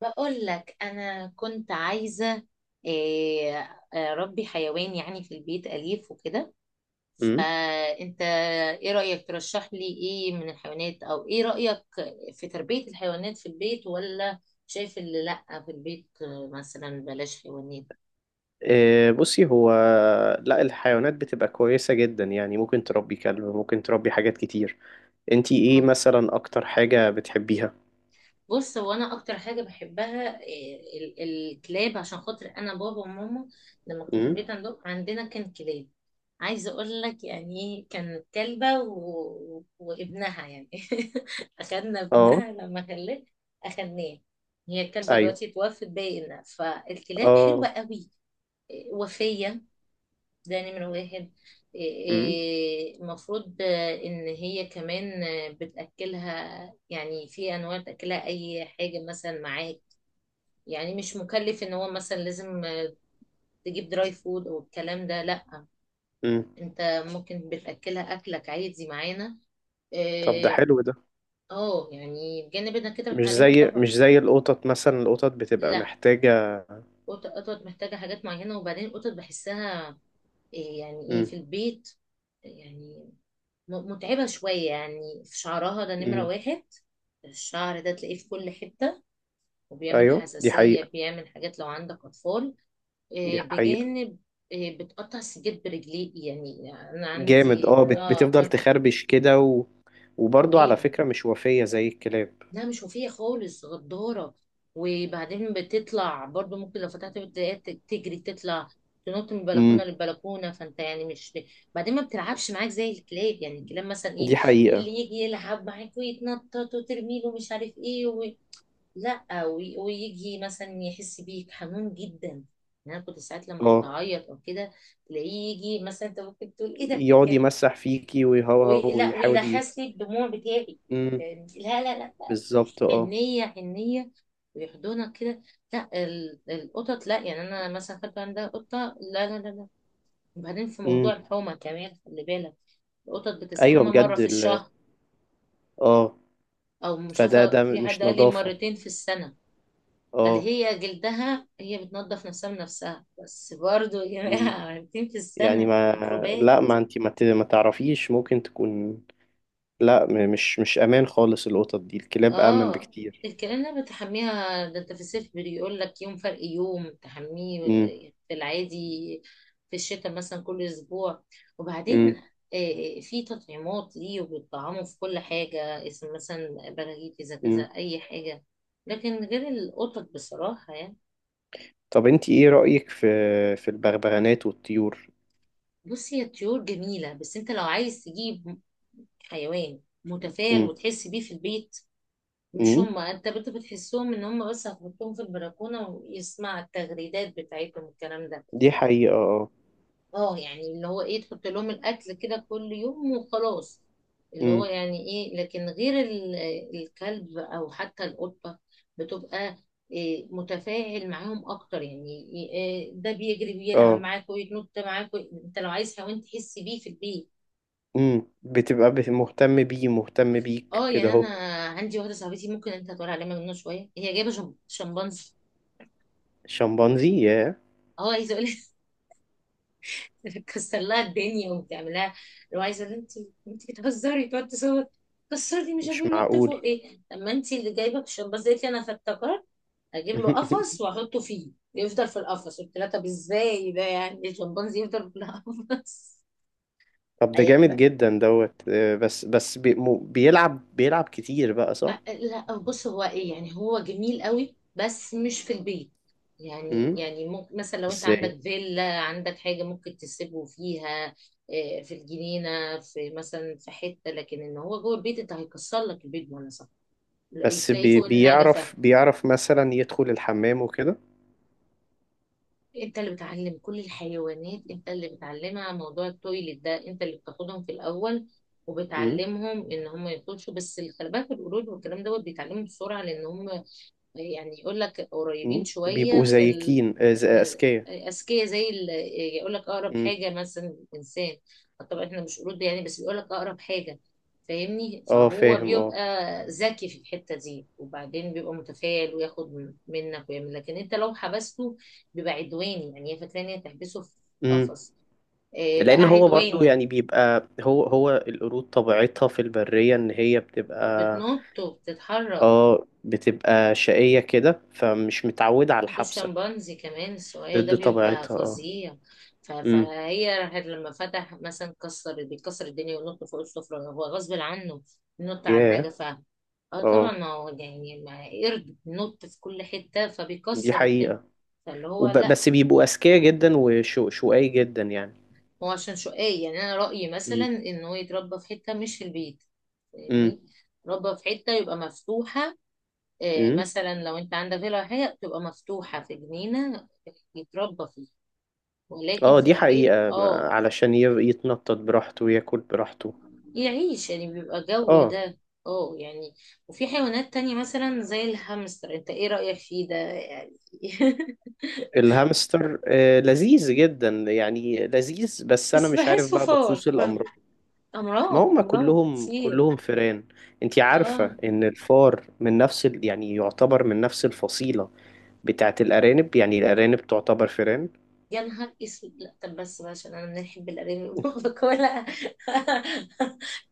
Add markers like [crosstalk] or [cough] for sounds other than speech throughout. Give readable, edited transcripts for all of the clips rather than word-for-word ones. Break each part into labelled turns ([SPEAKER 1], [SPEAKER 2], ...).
[SPEAKER 1] بقول لك انا كنت عايزه إيه، اربي حيوان يعني في البيت اليف وكده.
[SPEAKER 2] امم.
[SPEAKER 1] فانت ايه رايك ترشح لي ايه من الحيوانات؟ او ايه رايك في تربيه الحيوانات في البيت ولا شايف اللي لا في البيت؟ مثلا بلاش حيوانات.
[SPEAKER 2] إيه، بصي هو لا، الحيوانات بتبقى كويسة جدا يعني، ممكن تربي كلب، ممكن تربي حاجات كتير. انتي ايه مثلا اكتر حاجة بتحبيها؟
[SPEAKER 1] بص، هو انا اكتر حاجه بحبها الكلاب، عشان خاطر انا بابا وماما لما كنت في
[SPEAKER 2] امم.
[SPEAKER 1] البيت عندنا كان كلاب. عايزه اقول لك يعني كان كلبه وابنها يعني [laughs] اخدنا
[SPEAKER 2] اه.
[SPEAKER 1] ابنها لما خلاه، اخدناه. هي الكلبه
[SPEAKER 2] ايوه.
[SPEAKER 1] دلوقتي اتوفت باينه، فالكلاب حلوه
[SPEAKER 2] اه.
[SPEAKER 1] قوي. وفيه، ده نمرة واحد.
[SPEAKER 2] امم.
[SPEAKER 1] المفروض ان هي كمان بتأكلها، يعني في انواع بتأكلها اي حاجة مثلا معاك، يعني مش مكلف ان هو مثلا لازم تجيب دراي فود او الكلام ده. لا،
[SPEAKER 2] امم.
[SPEAKER 1] انت ممكن بتأكلها اكلك عادي معانا
[SPEAKER 2] طب ده
[SPEAKER 1] إيه،
[SPEAKER 2] حلو ده.
[SPEAKER 1] اه يعني بجانب انك كده
[SPEAKER 2] مش
[SPEAKER 1] بتعلمه
[SPEAKER 2] زي
[SPEAKER 1] طبعا.
[SPEAKER 2] مش زي القطط، مثلا القطط بتبقى
[SPEAKER 1] لا،
[SPEAKER 2] محتاجة.
[SPEAKER 1] قطط محتاجة حاجات معينة، وبعدين القطط بحسها يعني ايه
[SPEAKER 2] امم.
[SPEAKER 1] في البيت، يعني متعبة شوية يعني في شعرها، ده نمرة
[SPEAKER 2] امم.
[SPEAKER 1] واحد. الشعر ده تلاقيه في كل حتة، وبيعمل
[SPEAKER 2] ايوه دي حقيقة.
[SPEAKER 1] حساسية، بيعمل حاجات لو عندك أطفال.
[SPEAKER 2] دي حقيقة.
[SPEAKER 1] بجانب بتقطع السجاد برجليك، يعني أنا
[SPEAKER 2] جامد
[SPEAKER 1] عندي
[SPEAKER 2] اه، بتفضل تخربش كده و... وبرضه على
[SPEAKER 1] رهيبة.
[SPEAKER 2] فكرة مش وفية زي الكلاب.
[SPEAKER 1] لا، مش وفية خالص، غدارة، وبعدين بتطلع برضو، ممكن لو فتحت بتلاقيها تجري تطلع، تنط من بلكونة
[SPEAKER 2] امم.
[SPEAKER 1] للبلكونة، فانت يعني مش. بعدين ما بتلعبش معاك زي الكلاب، يعني الكلاب مثلا ايه
[SPEAKER 2] دي حقيقة
[SPEAKER 1] اللي يجي يلعب معاك ويتنطط وترمي له مش عارف ايه لا ويجي مثلا يحس بيك، حنون جدا. يعني انا كنت ساعات لما كنت
[SPEAKER 2] اه.
[SPEAKER 1] اعيط او كده تلاقيه يجي، مثلا انت ممكن تقول ايه ده
[SPEAKER 2] يقعد
[SPEAKER 1] كان
[SPEAKER 2] يمسح فيكي ويهوهو
[SPEAKER 1] لا
[SPEAKER 2] ويحاول ي...
[SPEAKER 1] ويلهس لي الدموع بتاعي
[SPEAKER 2] مم.
[SPEAKER 1] يعني. لا لا لا لا،
[SPEAKER 2] بالظبط اه.
[SPEAKER 1] حنية حنية، ويحضنك كده. لا القطط لا، يعني انا مثلا خدت عندها قطة، لا لا لا لا. وبعدين في موضوع
[SPEAKER 2] مم.
[SPEAKER 1] الحومة كمان، خلي بالك، القطط
[SPEAKER 2] ايوه
[SPEAKER 1] بتستحمى مرة
[SPEAKER 2] بجد
[SPEAKER 1] في
[SPEAKER 2] ال...
[SPEAKER 1] الشهر،
[SPEAKER 2] اه.
[SPEAKER 1] او مش
[SPEAKER 2] فده
[SPEAKER 1] عارفة،
[SPEAKER 2] ده
[SPEAKER 1] في حد
[SPEAKER 2] مش
[SPEAKER 1] قال لي
[SPEAKER 2] نظافة.
[SPEAKER 1] مرتين في السنة. قال
[SPEAKER 2] اه.
[SPEAKER 1] هي جلدها هي بتنظف نفسها بنفسها، بس برضو يا
[SPEAKER 2] مم.
[SPEAKER 1] جماعة مرتين في
[SPEAKER 2] يعني
[SPEAKER 1] السنة
[SPEAKER 2] ما.
[SPEAKER 1] ميكروبات.
[SPEAKER 2] لا، ما انت ما, ت... ما تعرفيش ممكن تكون. لا، مش امان خالص. القطط دي الكلاب امن
[SPEAKER 1] اه،
[SPEAKER 2] بكتير.
[SPEAKER 1] الكلام ده بتحميها، ده انت في الصيف بيقول لك يوم فرق يوم تحميه
[SPEAKER 2] مم.
[SPEAKER 1] في العادي، في الشتاء مثلا كل اسبوع. وبعدين
[SPEAKER 2] مم.
[SPEAKER 1] آه، في تطعيمات ليه، وبيطعموا في كل حاجة، اسم مثلا براغيث اذا كذا
[SPEAKER 2] مم.
[SPEAKER 1] اي حاجة، لكن غير القطط بصراحة يعني.
[SPEAKER 2] طب انت ايه رأيك في البغبغانات والطيور؟
[SPEAKER 1] بصي، هي طيور جميلة، بس انت لو عايز تجيب حيوان متفائل
[SPEAKER 2] مم.
[SPEAKER 1] وتحس بيه في البيت، مش
[SPEAKER 2] مم.
[SPEAKER 1] هما. انت بتحسهم ان هما بس هتحطهم في البلكونه ويسمع التغريدات بتاعتهم الكلام ده.
[SPEAKER 2] دي حقيقة اه.
[SPEAKER 1] اه يعني اللي هو ايه، تحط لهم الاكل كده كل يوم وخلاص، اللي هو
[SPEAKER 2] مم.
[SPEAKER 1] يعني ايه. لكن غير الكلب او حتى القطه بتبقى إيه متفاعل معاهم اكتر، يعني إيه؟ ده بيجري بيلعب
[SPEAKER 2] اه.
[SPEAKER 1] معاك ويتنط معاك انت لو عايز حيوان تحس بيه في البيت.
[SPEAKER 2] امم، بتبقى مهتم بيه، مهتم بيك
[SPEAKER 1] اه
[SPEAKER 2] كده
[SPEAKER 1] يعني انا
[SPEAKER 2] اهو.
[SPEAKER 1] عندي واحده صاحبتي، ممكن انت هتقول عليها مجنونه شويه، هي جايبه شمبانزي.
[SPEAKER 2] الشمبانزي، ياه.
[SPEAKER 1] اه عايزه اقول، تكسر لها الدنيا وتعمل لها لو عايزه، انت انت بتهزري، تقعد تصوت كسرتي مش عارفه
[SPEAKER 2] مش
[SPEAKER 1] ايه، نط فوق
[SPEAKER 2] معقول.
[SPEAKER 1] ايه. لما انت اللي جايبه الشمباز قالت لي انا، فافتكرت اجيب له قفص
[SPEAKER 2] [laughs]
[SPEAKER 1] واحطه فيه يفضل في القفص. قلت لها: طب ازاي ده؟ يعني الشمبانزي يفضل في القفص؟
[SPEAKER 2] طب
[SPEAKER 1] [laughs]
[SPEAKER 2] ده
[SPEAKER 1] أي-
[SPEAKER 2] جامد جدا دوت، بس بس بيلعب كتير بقى، صح؟
[SPEAKER 1] لا، بص، هو ايه، يعني هو جميل قوي بس مش في البيت.
[SPEAKER 2] امم.
[SPEAKER 1] يعني ممكن مثلا لو انت
[SPEAKER 2] ازاي؟
[SPEAKER 1] عندك فيلا عندك حاجة ممكن تسيبه فيها. في الجنينة في، مثلا في حتة، لكن ان هو جوه البيت، انت هيكسر لك البيت وانا صح. لا،
[SPEAKER 2] بس
[SPEAKER 1] تلاقيه فوق النجفة.
[SPEAKER 2] بيعرف مثلا يدخل الحمام وكده.
[SPEAKER 1] انت اللي بتعلم كل الحيوانات، انت اللي بتعلمها موضوع التويلت ده، انت اللي بتاخدهم في الاول
[SPEAKER 2] امم.
[SPEAKER 1] وبتعلمهم ان هم يخشوا، بس الكلبات والقرود والكلام دوت بيتعلموا بسرعة، لان هم يعني يقول لك قريبين
[SPEAKER 2] امم.
[SPEAKER 1] شوية
[SPEAKER 2] بيبقوا
[SPEAKER 1] في ال...
[SPEAKER 2] زيكين، آه، اذكياء.
[SPEAKER 1] أذكياء زي ال... يقول لك أقرب
[SPEAKER 2] امم.
[SPEAKER 1] حاجة مثلا إنسان. طبعا إحنا مش قرود يعني، بس بيقول لك أقرب حاجة، فاهمني؟
[SPEAKER 2] اه
[SPEAKER 1] فهو
[SPEAKER 2] فاهم اه.
[SPEAKER 1] بيبقى ذكي في الحتة دي، وبعدين بيبقى متفائل وياخد منك ويعمل، لكن أنت لو حبسته بيبقى عدواني، يعني هي فاكرة إن هي تحبسه في
[SPEAKER 2] امم.
[SPEAKER 1] قفص.
[SPEAKER 2] لان
[SPEAKER 1] بقى
[SPEAKER 2] هو برضو
[SPEAKER 1] عدواني،
[SPEAKER 2] يعني بيبقى هو القرود طبيعتها في البرية ان هي بتبقى
[SPEAKER 1] بتنط وبتتحرك.
[SPEAKER 2] اه بتبقى شقية كده، فمش متعودة على الحبسة.
[SPEAKER 1] والشمبانزي كمان السؤال ده
[SPEAKER 2] ضد
[SPEAKER 1] بيبقى
[SPEAKER 2] طبيعتها اه.
[SPEAKER 1] فظيع.
[SPEAKER 2] امم.
[SPEAKER 1] فهي راحت لما فتح، مثلا كسر بيكسر الدنيا وينط فوق السفرة، هو غصب عنه ينط على
[SPEAKER 2] ياه.
[SPEAKER 1] النجفة. اه طبعا،
[SPEAKER 2] اه
[SPEAKER 1] ما هو يعني ما قرد بينط في كل حتة
[SPEAKER 2] دي
[SPEAKER 1] فبيكسر الدنيا،
[SPEAKER 2] حقيقة.
[SPEAKER 1] فاللي هو لا.
[SPEAKER 2] بس بيبقوا أذكياء جدا وشقي جدا يعني.
[SPEAKER 1] هو عشان شقاي، يعني انا رأيي مثلا
[SPEAKER 2] امم.
[SPEAKER 1] ان هو يتربى في حتة مش في البيت،
[SPEAKER 2] امم.
[SPEAKER 1] فاهمني؟ ربى في حتة يبقى مفتوحة.
[SPEAKER 2] امم.
[SPEAKER 1] مثلا لو انت عندك فيلا ولا حاجة تبقى مفتوحة في جنينة يتربى فيها، ولكن
[SPEAKER 2] اه
[SPEAKER 1] في
[SPEAKER 2] دي
[SPEAKER 1] البيت
[SPEAKER 2] حقيقة،
[SPEAKER 1] اه،
[SPEAKER 2] علشان يتنطط براحته وياكل براحته.
[SPEAKER 1] يعيش يعني بيبقى جو
[SPEAKER 2] اه.
[SPEAKER 1] ده. اه يعني، وفي حيوانات تانية مثلا زي الهامستر، انت ايه رأيك فيه ده يعني؟ [laughs]
[SPEAKER 2] الهامستر، آه لذيذ جدا يعني، لذيذ بس أنا
[SPEAKER 1] بس
[SPEAKER 2] مش عارف
[SPEAKER 1] بحسه
[SPEAKER 2] بقى
[SPEAKER 1] فار
[SPEAKER 2] بخصوص
[SPEAKER 1] برضه.
[SPEAKER 2] الأمراض. ما
[SPEAKER 1] امراض
[SPEAKER 2] هم
[SPEAKER 1] امراض
[SPEAKER 2] كلهم
[SPEAKER 1] كتير.
[SPEAKER 2] كلهم فئران. انت
[SPEAKER 1] اه،
[SPEAKER 2] عارفة ان الفار من نفس ال... يعني يعتبر من نفس الفصيلة بتاعت الارانب. يعني الارانب تعتبر فئران.
[SPEAKER 1] يا نهار اسود. لا طب بس بقى، عشان انا بنحب الارانب [laughs] باكلها،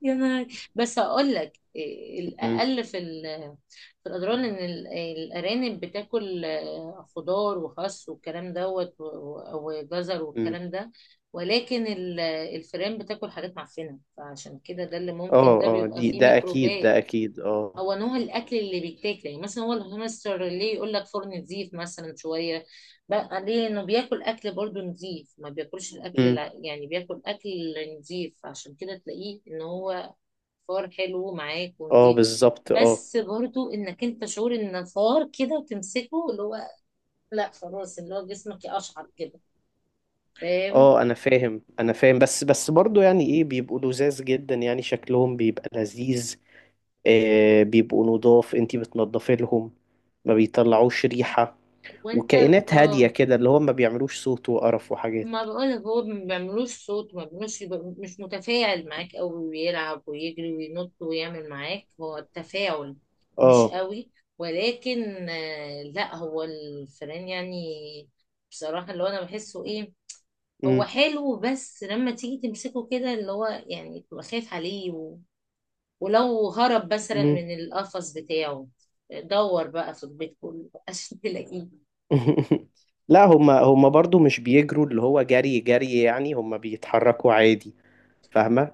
[SPEAKER 1] يا نهار. بس هقول لك
[SPEAKER 2] امم.
[SPEAKER 1] الاقل في في الاضرار ان الارانب بتاكل خضار وخس والكلام دوت وجزر
[SPEAKER 2] امم.
[SPEAKER 1] والكلام ده، ولكن الفئران بتاكل حاجات معفنه، فعشان كده ده اللي ممكن
[SPEAKER 2] اه
[SPEAKER 1] ده
[SPEAKER 2] اه
[SPEAKER 1] بيبقى
[SPEAKER 2] دي
[SPEAKER 1] فيه
[SPEAKER 2] ده اكيد
[SPEAKER 1] ميكروبات.
[SPEAKER 2] ده اكيد اه.
[SPEAKER 1] هو نوع الاكل اللي بيتاكل، يعني مثلا هو الهامستر ليه يقول لك فرن نظيف مثلا شويه؟ بقى ليه انه بياكل اكل برضه نظيف، ما بياكلش الاكل
[SPEAKER 2] امم.
[SPEAKER 1] يعني بياكل اكل نظيف، عشان كده تلاقيه ان هو فار حلو معاك
[SPEAKER 2] اه
[SPEAKER 1] ونظيف،
[SPEAKER 2] بالظبط اه.
[SPEAKER 1] بس برضه انك انت شعور ان فار كده تمسكه، اللي هو لا خلاص، اللي هو جسمك يقشعر كده، فاهم؟
[SPEAKER 2] اه انا فاهم بس بس برضو يعني ايه، بيبقوا لذاذ جدا يعني، شكلهم بيبقى لذيذ. آه بيبقوا نضاف، انت بتنضفي لهم. ما بيطلعوش ريحة.
[SPEAKER 1] وانت.
[SPEAKER 2] وكائنات هادية
[SPEAKER 1] اه،
[SPEAKER 2] كده، اللي هم ما بيعملوش صوت وقرف وحاجات.
[SPEAKER 1] ما بقولك هو ما بيعملوش صوت، ما بيعملوش يبقى مش متفاعل معاك أوي ويلعب ويجري وينط ويعمل معاك، هو التفاعل مش
[SPEAKER 2] اه.
[SPEAKER 1] قوي. ولكن لا، هو الفئران يعني، بصراحة اللي هو أنا بحسه إيه، هو
[SPEAKER 2] امم.
[SPEAKER 1] حلو، بس لما تيجي تمسكه كده اللي هو يعني تبقى خايف عليه ولو هرب مثلا
[SPEAKER 2] امم.
[SPEAKER 1] من القفص بتاعه دور بقى في البيت كله عشان تلاقيه.
[SPEAKER 2] [laughs] لا هما برضو مش بيجروا اللي هو جري جري يعني، هما بيتحركوا عادي. فاهمة.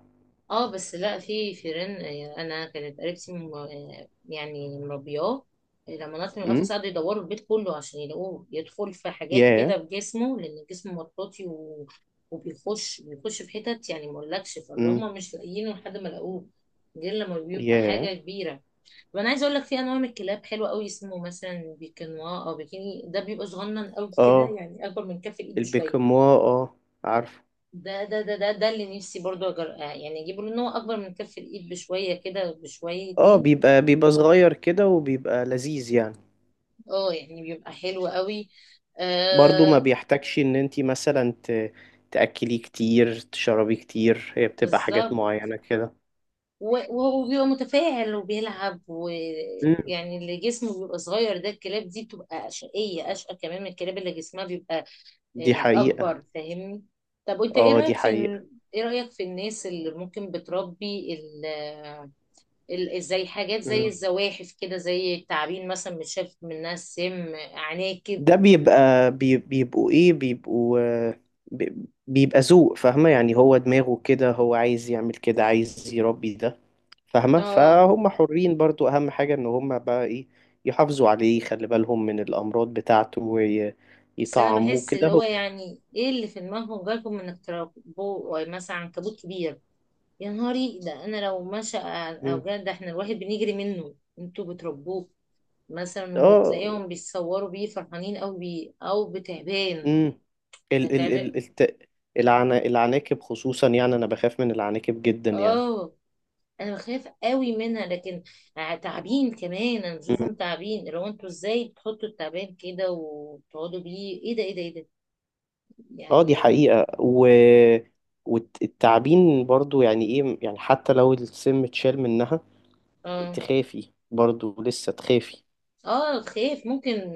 [SPEAKER 1] اه بس لا، في فيران انا كانت قريبتي يعني مربياه. لما نط من القفص
[SPEAKER 2] امم.
[SPEAKER 1] قعدوا يدوروا البيت كله عشان يلاقوه، يدخل في حاجات
[SPEAKER 2] ياه.
[SPEAKER 1] كده في جسمه، لان جسمه مطاطي وبيخش بيخش في حتت يعني ما اقولكش، فاللي
[SPEAKER 2] امم.
[SPEAKER 1] هم مش لاقيينه لحد ما لقوه، غير لما بيبقى
[SPEAKER 2] ياه.
[SPEAKER 1] حاجه كبيره. وانا عايزه اقول لك في انواع من الكلاب حلوه قوي، اسمه مثلا بيكنوا او بيكيني، ده بيبقى صغنن قوي كده،
[SPEAKER 2] اه
[SPEAKER 1] يعني اكبر من كف الايد بشويه.
[SPEAKER 2] البيكاموا اه، عارفه.
[SPEAKER 1] ده اللي نفسي برضو أجر... آه، يعني اجيبه، لان هو اكبر من كف الايد بشويه كده
[SPEAKER 2] اه
[SPEAKER 1] بشويتين.
[SPEAKER 2] بيبقى صغير كده وبيبقى لذيذ يعني.
[SPEAKER 1] اه يعني بيبقى حلو قوي.
[SPEAKER 2] برضو ما
[SPEAKER 1] آه
[SPEAKER 2] بيحتاجش ان انتي مثلا تأكلي كتير، تشربي كتير. هي بتبقى حاجات
[SPEAKER 1] بالظبط،
[SPEAKER 2] معينة كده.
[SPEAKER 1] وهو بيبقى متفاعل وبيلعب
[SPEAKER 2] امم.
[SPEAKER 1] ويعني، اللي جسمه بيبقى صغير ده، الكلاب دي بتبقى شقيه، اشقى كمان من الكلاب اللي جسمها بيبقى
[SPEAKER 2] دي حقيقة.
[SPEAKER 1] اكبر، فاهمني؟ طب وانت ايه
[SPEAKER 2] اه دي
[SPEAKER 1] رايك في
[SPEAKER 2] حقيقة.
[SPEAKER 1] ايه رايك في الناس اللي ممكن بتربي زي حاجات زي
[SPEAKER 2] امم.
[SPEAKER 1] الزواحف كده، زي التعابين مثلا بتشاف منها السم، عناكب؟
[SPEAKER 2] ده بيبقى بيبقوا ايه، بيبقوا بي- بيبقى ذوق فاهمة. يعني هو دماغه كده، هو عايز يعمل كده، عايز يربي ده فاهمة.
[SPEAKER 1] اه،
[SPEAKER 2] فهم حرين برضو. اهم حاجة ان هم بقى ايه، يحافظوا عليه، يخلي بالهم من الامراض بتاعته
[SPEAKER 1] بس انا
[SPEAKER 2] ويطعموه
[SPEAKER 1] بحس
[SPEAKER 2] كده
[SPEAKER 1] اللي هو
[SPEAKER 2] هو.
[SPEAKER 1] يعني ايه اللي في دماغهم جالكم انك تربوه مثلا عنكبوت كبير؟ يا نهاري ده، انا لو مشى
[SPEAKER 2] مم.
[SPEAKER 1] او جه ده احنا الواحد بنجري منه، انتوا بتربوه مثلا
[SPEAKER 2] اه.
[SPEAKER 1] وتلاقيهم بيتصوروا بيه فرحانين قوي بيه، او بتعبان،
[SPEAKER 2] امم.
[SPEAKER 1] ده
[SPEAKER 2] ال ال
[SPEAKER 1] تعبان.
[SPEAKER 2] ال الت... العناكب خصوصا، يعني انا بخاف من العناكب جدا يعني.
[SPEAKER 1] اه، انا بخاف قوي منها، لكن تعبين كمان، انا بشوفهم تعبين. لو انتوا ازاي بتحطوا التعبان كده وتقعدوا بيه، ايه ده ايه ده ايه ده
[SPEAKER 2] اه دي
[SPEAKER 1] يعني؟
[SPEAKER 2] حقيقة و... والتعبين برضو يعني ايه، يعني حتى لو السم اتشال منها
[SPEAKER 1] اه
[SPEAKER 2] تخافي برضو لسه تخافي.
[SPEAKER 1] اه، خايف ممكن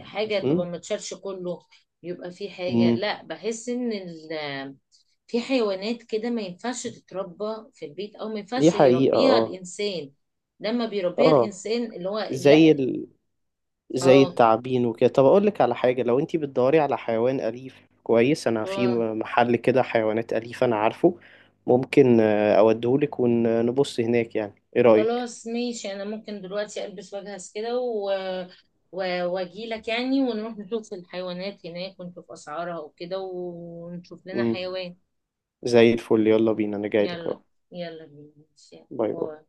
[SPEAKER 1] حاجة
[SPEAKER 2] م؟
[SPEAKER 1] تبقى ما تشالش كله، يبقى في حاجة،
[SPEAKER 2] م.
[SPEAKER 1] لا، بحس ان ال، في حيوانات كده ما ينفعش تتربى في البيت، او ما
[SPEAKER 2] دي
[SPEAKER 1] ينفعش
[SPEAKER 2] حقيقة
[SPEAKER 1] يربيها
[SPEAKER 2] اه.
[SPEAKER 1] الانسان، لما بيربيها
[SPEAKER 2] اه
[SPEAKER 1] الانسان اللي هو
[SPEAKER 2] زي
[SPEAKER 1] لا.
[SPEAKER 2] ال... زي
[SPEAKER 1] اه
[SPEAKER 2] التعابين وكده. طب اقول لك على حاجة، لو انتي بتدوري على حيوان أليف كويس، انا في
[SPEAKER 1] اه،
[SPEAKER 2] محل كده حيوانات أليفة انا عارفه، ممكن اوديهولك ونبص هناك. يعني ايه رأيك؟
[SPEAKER 1] خلاص ماشي، انا ممكن دلوقتي البس واجهز كده واجيلك يعني ونروح نشوف الحيوانات هناك ونشوف اسعارها وكده ونشوف لنا
[SPEAKER 2] م.
[SPEAKER 1] حيوان.
[SPEAKER 2] زي الفل، يلا بينا، انا جايلك
[SPEAKER 1] يلا،
[SPEAKER 2] اهو.
[SPEAKER 1] يلا بينا، ماشي.
[SPEAKER 2] باي باي.
[SPEAKER 1] باي.